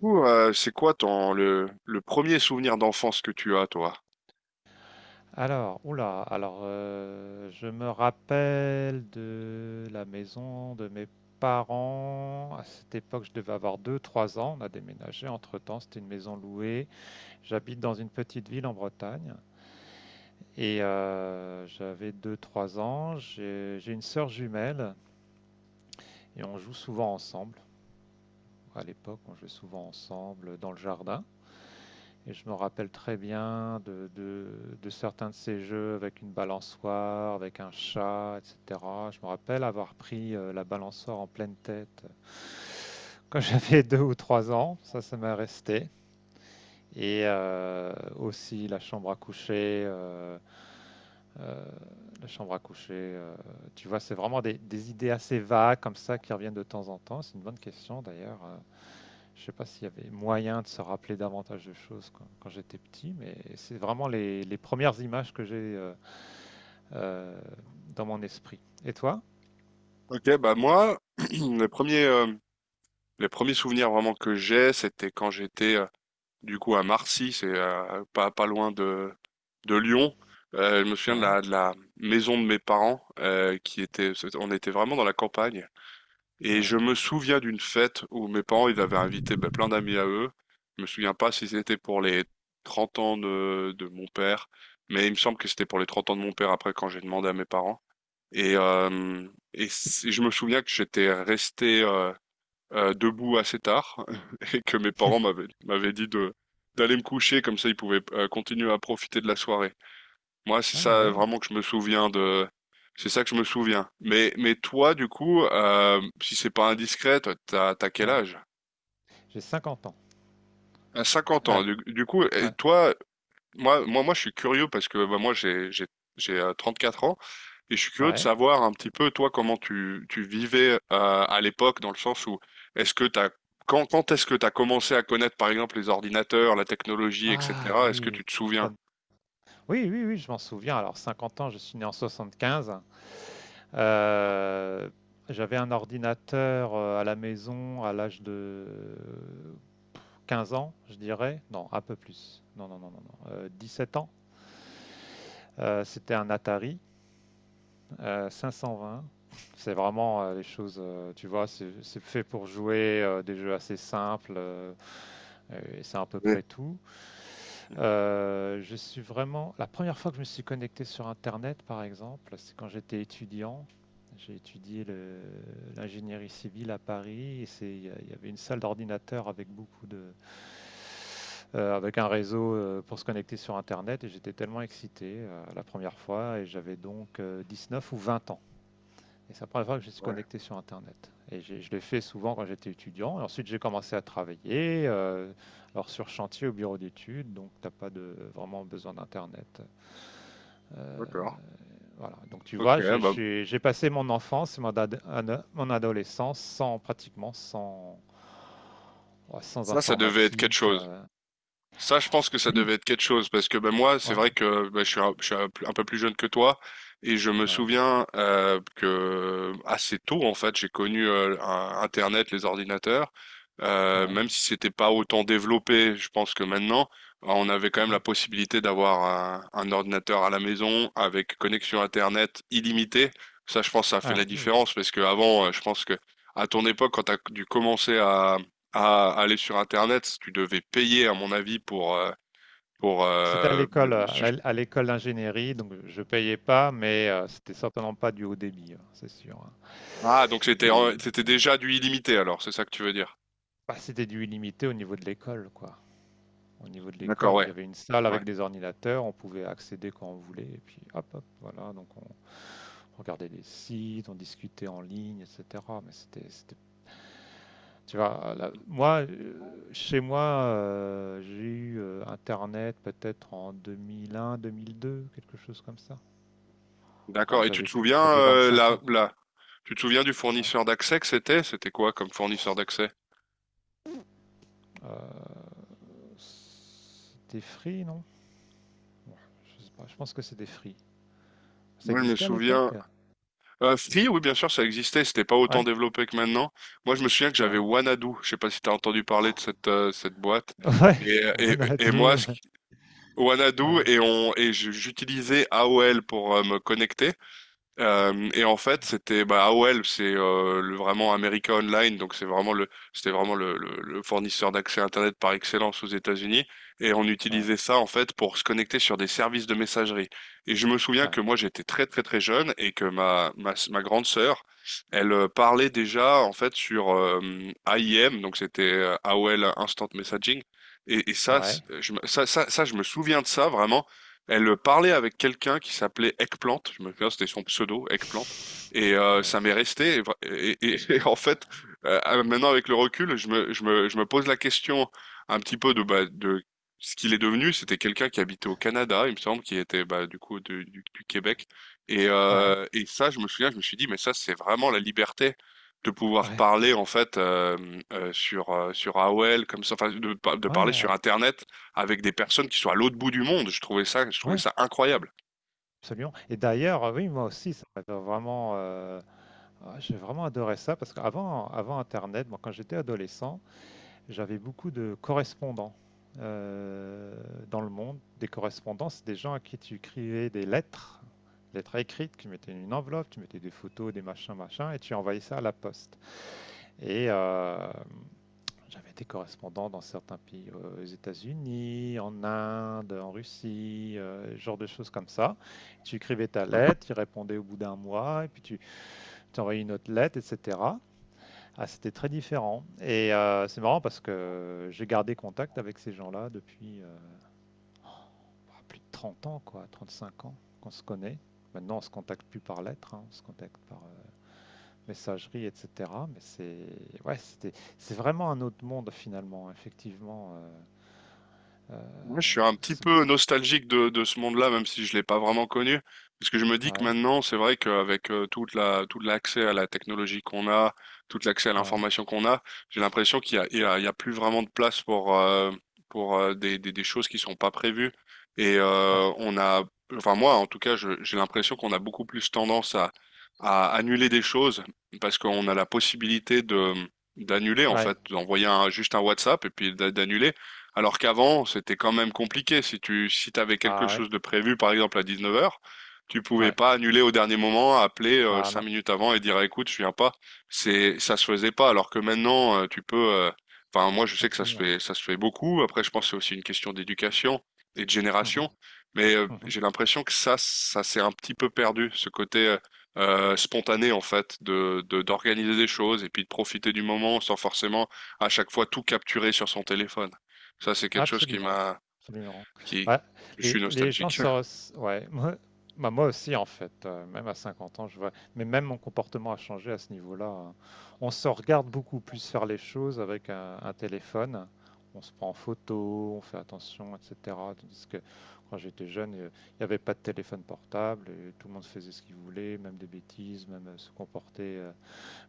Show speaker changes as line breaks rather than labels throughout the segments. Coup, c'est quoi le premier souvenir d'enfance que tu as, toi?
Alors, oula, je me rappelle de la maison de mes parents. À cette époque, je devais avoir 2, 3 ans. On a déménagé entre-temps, c'était une maison louée. J'habite dans une petite ville en Bretagne et j'avais 2, 3 ans. J'ai une sœur jumelle et on joue souvent ensemble. À l'époque, on jouait souvent ensemble dans le jardin. Et je me rappelle très bien de certains de ces jeux avec une balançoire, avec un chat, etc. Je me rappelle avoir pris la balançoire en pleine tête quand j'avais 2 ou 3 ans. Ça, ça m'est resté. Et aussi la chambre à coucher. Euh, la chambre à coucher. Tu vois, c'est vraiment des idées assez vagues comme ça qui reviennent de temps en temps. C'est une bonne question d'ailleurs. Je sais pas s'il y avait moyen de se rappeler davantage de choses quand j'étais petit, mais c'est vraiment les premières images que j'ai euh, dans mon esprit. Et toi?
Ok, bah moi, les premiers, euh, les premiers souvenirs vraiment que j'ai, c'était quand j'étais du coup à Marcy, c'est pas loin de Lyon. Je me souviens de
Ouais,
la maison de mes parents qui était, on était vraiment dans la campagne. Et
ouais.
je me souviens d'une fête où mes parents, ils avaient invité ben, plein d'amis à eux. Je me souviens pas si c'était pour les 30 ans de mon père, mais il me semble que c'était pour les 30 ans de mon père après quand j'ai demandé à mes parents. Et, euh, et je me souviens que j'étais resté debout assez tard et que mes parents m'avaient dit de d'aller me coucher comme ça ils pouvaient continuer à profiter de la soirée. Moi, c'est
Ah,
ça
ouais,
vraiment que je me souviens de. C'est ça que je me souviens. Mais toi, du coup, si c'est pas indiscret, toi, t'as quel
ouais.
âge?
J'ai 50 ans.
À cinquante ans.
Ouais,
Du coup, et
ouais,
toi, moi, je suis curieux parce que bah, moi, j'ai 4 ans et je suis curieux de
ouais.
savoir un petit peu, toi, comment tu, tu vivais à l'époque, dans le sens où est-ce que t'as, quand, quand est-ce que t'as commencé à connaître, par exemple, les ordinateurs, la technologie,
Ah,
etc. Est-ce que
oui.
tu te souviens?
bonne- Oui, oui, oui, je m'en souviens. Alors, 50 ans, je suis né en 75. Euh, J'avais un ordinateur à la maison à l'âge de 15 ans, je dirais. Non, un peu plus. Non, non, non, non, non. 17 ans. C'était un Atari 520. C'est vraiment les choses, tu vois, c'est fait pour jouer des jeux assez simples. Et c'est à peu
Ouais.
près tout. Je suis vraiment. La première fois que je me suis connecté sur Internet, par exemple, c'est quand j'étais étudiant. J'ai étudié l'ingénierie civile à Paris. Et il y avait une salle d'ordinateur avec beaucoup de, avec un réseau pour se connecter sur Internet. Et j'étais tellement excité la première fois. Et j'avais donc neuf ou 20 ans. Et c'est la première fois que je suis
Ouais,
connecté sur Internet. Et je l'ai fait souvent quand j'étais étudiant. Et ensuite, j'ai commencé à travailler, alors sur chantier au bureau d'études, donc t'as pas de, vraiment besoin d'Internet. Euh,
d'accord.
voilà. Donc tu
Ok,
vois,
bah,
j'ai passé mon enfance, et mon, mon adolescence sans pratiquement sans, oh, sans
ça devait être quelque
informatique.
chose. Ça, je pense que ça devait
Oui.
être quelque chose parce que ben moi, c'est
Ouais.
vrai que ben, je suis un peu plus jeune que toi et je me
Ouais.
souviens que assez tôt en fait, j'ai connu Internet, les ordinateurs,
Ouais.
même si c'était pas autant développé. Je pense que maintenant, ben, on avait quand même la
Uhum.
possibilité d'avoir un ordinateur à la maison avec connexion Internet illimitée. Ça, je pense, que ça a fait la
Ah, ouh.
différence parce que avant, je pense que à ton époque, quand tu as dû commencer à aller sur Internet, si tu devais payer, à mon avis. Pour,
C'était à
euh,
l'école,
le- su-
à l'école d'ingénierie, donc je payais pas, mais c'était certainement pas du haut débit, hein, c'est sûr. Hein.
ah, donc c'était,
Et
c'était déjà du illimité, alors, c'est ça que tu veux dire.
bah, c'était du illimité au niveau de l'école, quoi. Au niveau de
D'accord,
l'école, il
ouais,
y avait une salle
ouais.
avec des ordinateurs, on pouvait accéder quand on voulait, et puis hop, hop, voilà. Donc on regardait des sites, on discutait en ligne, etc. Mais tu vois, moi, chez moi, j'ai eu Internet peut-être en 2001, 2002, quelque chose comme ça. Oh,
D'accord. Et tu
j'avais
te
plus,
souviens,
j'avais 25 ans, quoi.
tu te souviens du
Ouais.
fournisseur d'accès que c'était? C'était quoi comme fournisseur d'accès?
Euh, C'était Free, non? Ouais, je sais pas, je pense que c'était Free. Ça
Moi, je me
existait à
souviens,
l'époque?
Free, oui, bien sûr, ça existait, c'était pas autant
Ouais,
développé que maintenant. Moi, je me souviens que j'avais
ouais.
Wanadu. Je sais pas si t'as entendu parler de cette boîte.
Ouais,
Et
Xanadu.
moi, ce
Ouais,
Wanadu
ouais,
et on et j- j'utilisais AOL pour me connecter. Et en fait, c'était bah, AOL, c'est le vraiment America Online, c'était vraiment le fournisseur d'accès Internet par excellence aux États-Unis. Et on
ouais,
utilisait ça en fait pour se connecter sur des services de messagerie. Et je me souviens que
ouais,
moi j'étais très très très jeune et que ma grande sœur, elle parlait déjà en fait sur AIM, donc c'était AOL Instant Messaging. Et ça,
ouais.
je me souviens de ça vraiment. Elle parlait avec quelqu'un qui s'appelait Eggplant, je me souviens, c'était son pseudo, Eggplant, et
Ouais,
ça m'est
c'est ça.
resté. Et en fait, maintenant avec le recul, je me pose la question un petit peu bah, de ce qu'il est devenu. C'était quelqu'un qui habitait au Canada, il me semble, qui était bah, du coup du Québec. Et,
Ouais,
euh, et ça, je me souviens, je me suis dit, mais ça, c'est vraiment la liberté de pouvoir
ouais,
parler en fait sur AOL comme ça, enfin de
ouais,
parler sur Internet avec des personnes qui sont à l'autre bout du monde. Je trouvais
ouais,
ça incroyable.
absolument. Et d'ailleurs, oui, moi aussi, ça m'a vraiment, j'ai vraiment adoré ça parce qu'avant, avant Internet, moi, quand j'étais adolescent, j'avais beaucoup de correspondants euh, dans le monde. Des correspondants, c'est des gens à qui tu écrivais des lettres, lettres écrites, tu mettais une enveloppe, tu mettais des photos, des machins, machins, et tu envoyais ça à la poste. Et j'avais des correspondants dans certains pays, aux États-Unis, en Inde, en Russie, genre de choses comme ça. Tu écrivais ta lettre, tu répondais au bout d'un mois, et puis tu t'envoyais une autre lettre, etc. Ah, c'était très différent. Et c'est marrant parce que j'ai gardé contact avec ces gens-là depuis plus de 30 ans, quoi, 35 ans qu'on se connaît. Maintenant, on se contacte plus par lettre, hein, on se contacte par messagerie, etc. Mais c'est ouais, c'était c'est vraiment un autre monde finalement, effectivement. Euh,
Moi, je suis un petit
ce-
peu nostalgique de ce monde-là, même si je l'ai pas vraiment connu, parce que je me dis que
ouais,
maintenant, c'est vrai qu'avec tout l'accès à la technologie qu'on a, tout l'accès à
ouais,
l'information qu'on a, j'ai l'impression qu'il y a, il y a, il y a plus vraiment de place pour des choses qui sont pas prévues. Et
ouais,
enfin moi, en tout cas, j'ai l'impression qu'on a beaucoup plus tendance à annuler des choses parce qu'on a la possibilité de d'annuler en
ouais.
fait, d'envoyer juste un WhatsApp et puis d'annuler. Alors qu'avant, c'était quand même compliqué. Si t'avais quelque
Ah, ouais,
chose de prévu, par exemple à 19h, tu pouvais
ouais.
pas annuler au dernier moment, appeler
Ah,
cinq
non,
minutes avant et dire écoute, je viens pas. Ça se faisait pas. Alors que maintenant, tu peux. Enfin, moi, je sais que
absolument.
ça se fait beaucoup. Après, je pense que c'est aussi une question d'éducation et de
Mhm,
génération. Mais j'ai
mhm.
l'impression que ça s'est un petit peu perdu, ce côté spontané en fait, d'organiser des choses et puis de profiter du moment sans forcément à chaque fois tout capturer sur son téléphone. Ça, c'est quelque chose
Absolument, absolument.
qui,
Bah,
je suis
les gens
nostalgique.
Ouais. Moi, bah, moi aussi, en fait, même à 50 ans, je vois. Mais même mon comportement a changé à ce niveau-là. Hein. On se regarde beaucoup plus faire les choses avec un téléphone. On se prend en photo, on fait attention, etc. Tandis que quand j'étais jeune, il n'y avait pas de téléphone portable et tout le monde faisait ce qu'il voulait, même des bêtises, même se comporter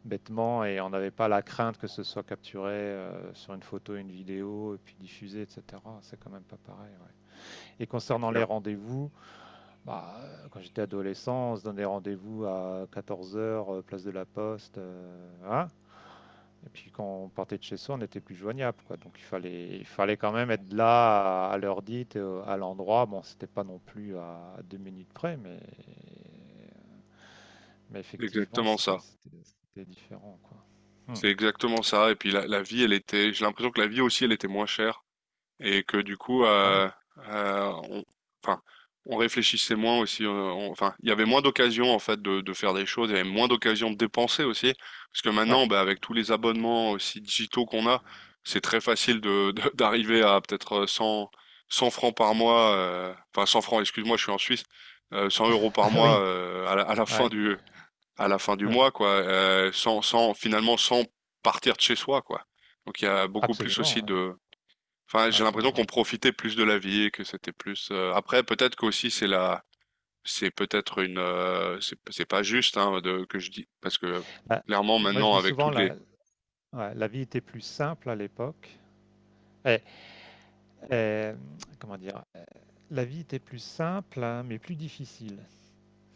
bêtement et on n'avait pas la crainte que ce soit capturé sur une photo, une vidéo et puis diffusé, etc. C'est quand même pas pareil. Ouais. Et concernant les
Clair.
rendez-vous, bah, quand j'étais adolescent, on se donnait rendez-vous à 14 heures, place de la Poste. Hein. Et puis quand on partait de chez soi, on n'était plus joignable. Quoi. Donc il fallait quand même être là à l'heure dite, à l'endroit. Bon, c'était pas non plus à 2 minutes près, mais effectivement,
Exactement
c'était
ça.
c'était- c'était différent. Quoi. Hmm.
C'est exactement ça. Et puis la vie, j'ai l'impression que la vie aussi, elle était moins chère. Et que du coup,
Ah, oui.
euh, on, enfin, on réfléchissait moins aussi. Enfin, il y avait moins d'occasions en fait de faire des choses, il y avait moins d'occasions de dépenser aussi, parce que
Ouais.
maintenant, bah, avec tous les abonnements aussi digitaux qu'on a, c'est très facile d'arriver à peut-être 100 francs par mois, enfin 100 francs, excuse-moi, je suis en Suisse, 100 € par
Ah,
mois
oui, ouais,
à la fin du
ouais,
mois, quoi, sans finalement sans partir de chez soi, quoi. Donc il y a beaucoup plus
absolument.
aussi
Ouais,
de Enfin,
ouais,
j'ai
ouais,
l'impression
ouais.
qu'on profitait plus de la vie, que c'était plus. Après, peut-être qu'aussi c'est la, c'est peut-être une, c'est pas juste hein, de que je dis parce que
Bah,
clairement
moi, je
maintenant
dis
avec
souvent,
toutes les.
ouais, la vie était plus simple à l'époque. Eh, eh, comment dire? La vie était plus simple, hein, mais plus difficile.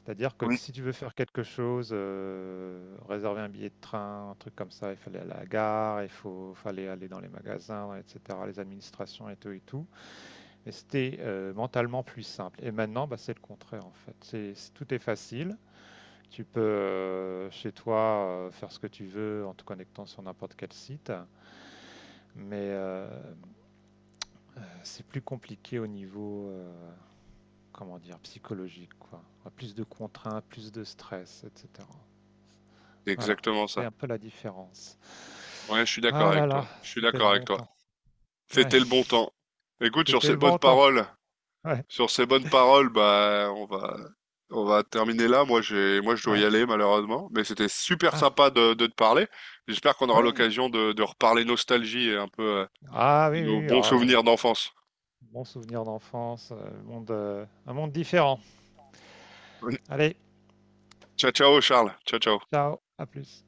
C'est-à-dire que
Oui.
si tu veux faire quelque chose, réserver un billet de train, un truc comme ça, il fallait aller à la gare, fallait aller dans les magasins, etc., les administrations et tout et tout. Et c'était mentalement plus simple. Et maintenant, bah, c'est le contraire en fait. Tout est facile. Tu peux chez toi faire ce que tu veux en te connectant sur n'importe quel site, mais c'est plus compliqué au niveau, comment dire, psychologique, quoi. Enfin, plus de contraintes, plus de stress, etc.
C'est
Voilà,
exactement
c'est un
ça.
peu la différence.
Ouais, je suis d'accord
Ah là
avec
là,
toi. Je suis
c'était le
d'accord avec
bon
toi.
temps. Ouais,
C'était le bon temps. Écoute,
c'était le bon temps. Ouais,
sur ces bonnes paroles, bah on va terminer là. Moi je dois y
ouais.
aller malheureusement, mais c'était super
Ah,
sympa de te parler. J'espère qu'on aura
ouais.
l'occasion de reparler nostalgie et un peu
Ah, oui,
de nos
oui, oui,
bons
oh là là.
souvenirs d'enfance.
Bon souvenir d'enfance, monde, un monde différent. Allez,
Ciao, ciao, Charles. Ciao, ciao.
ciao, à plus.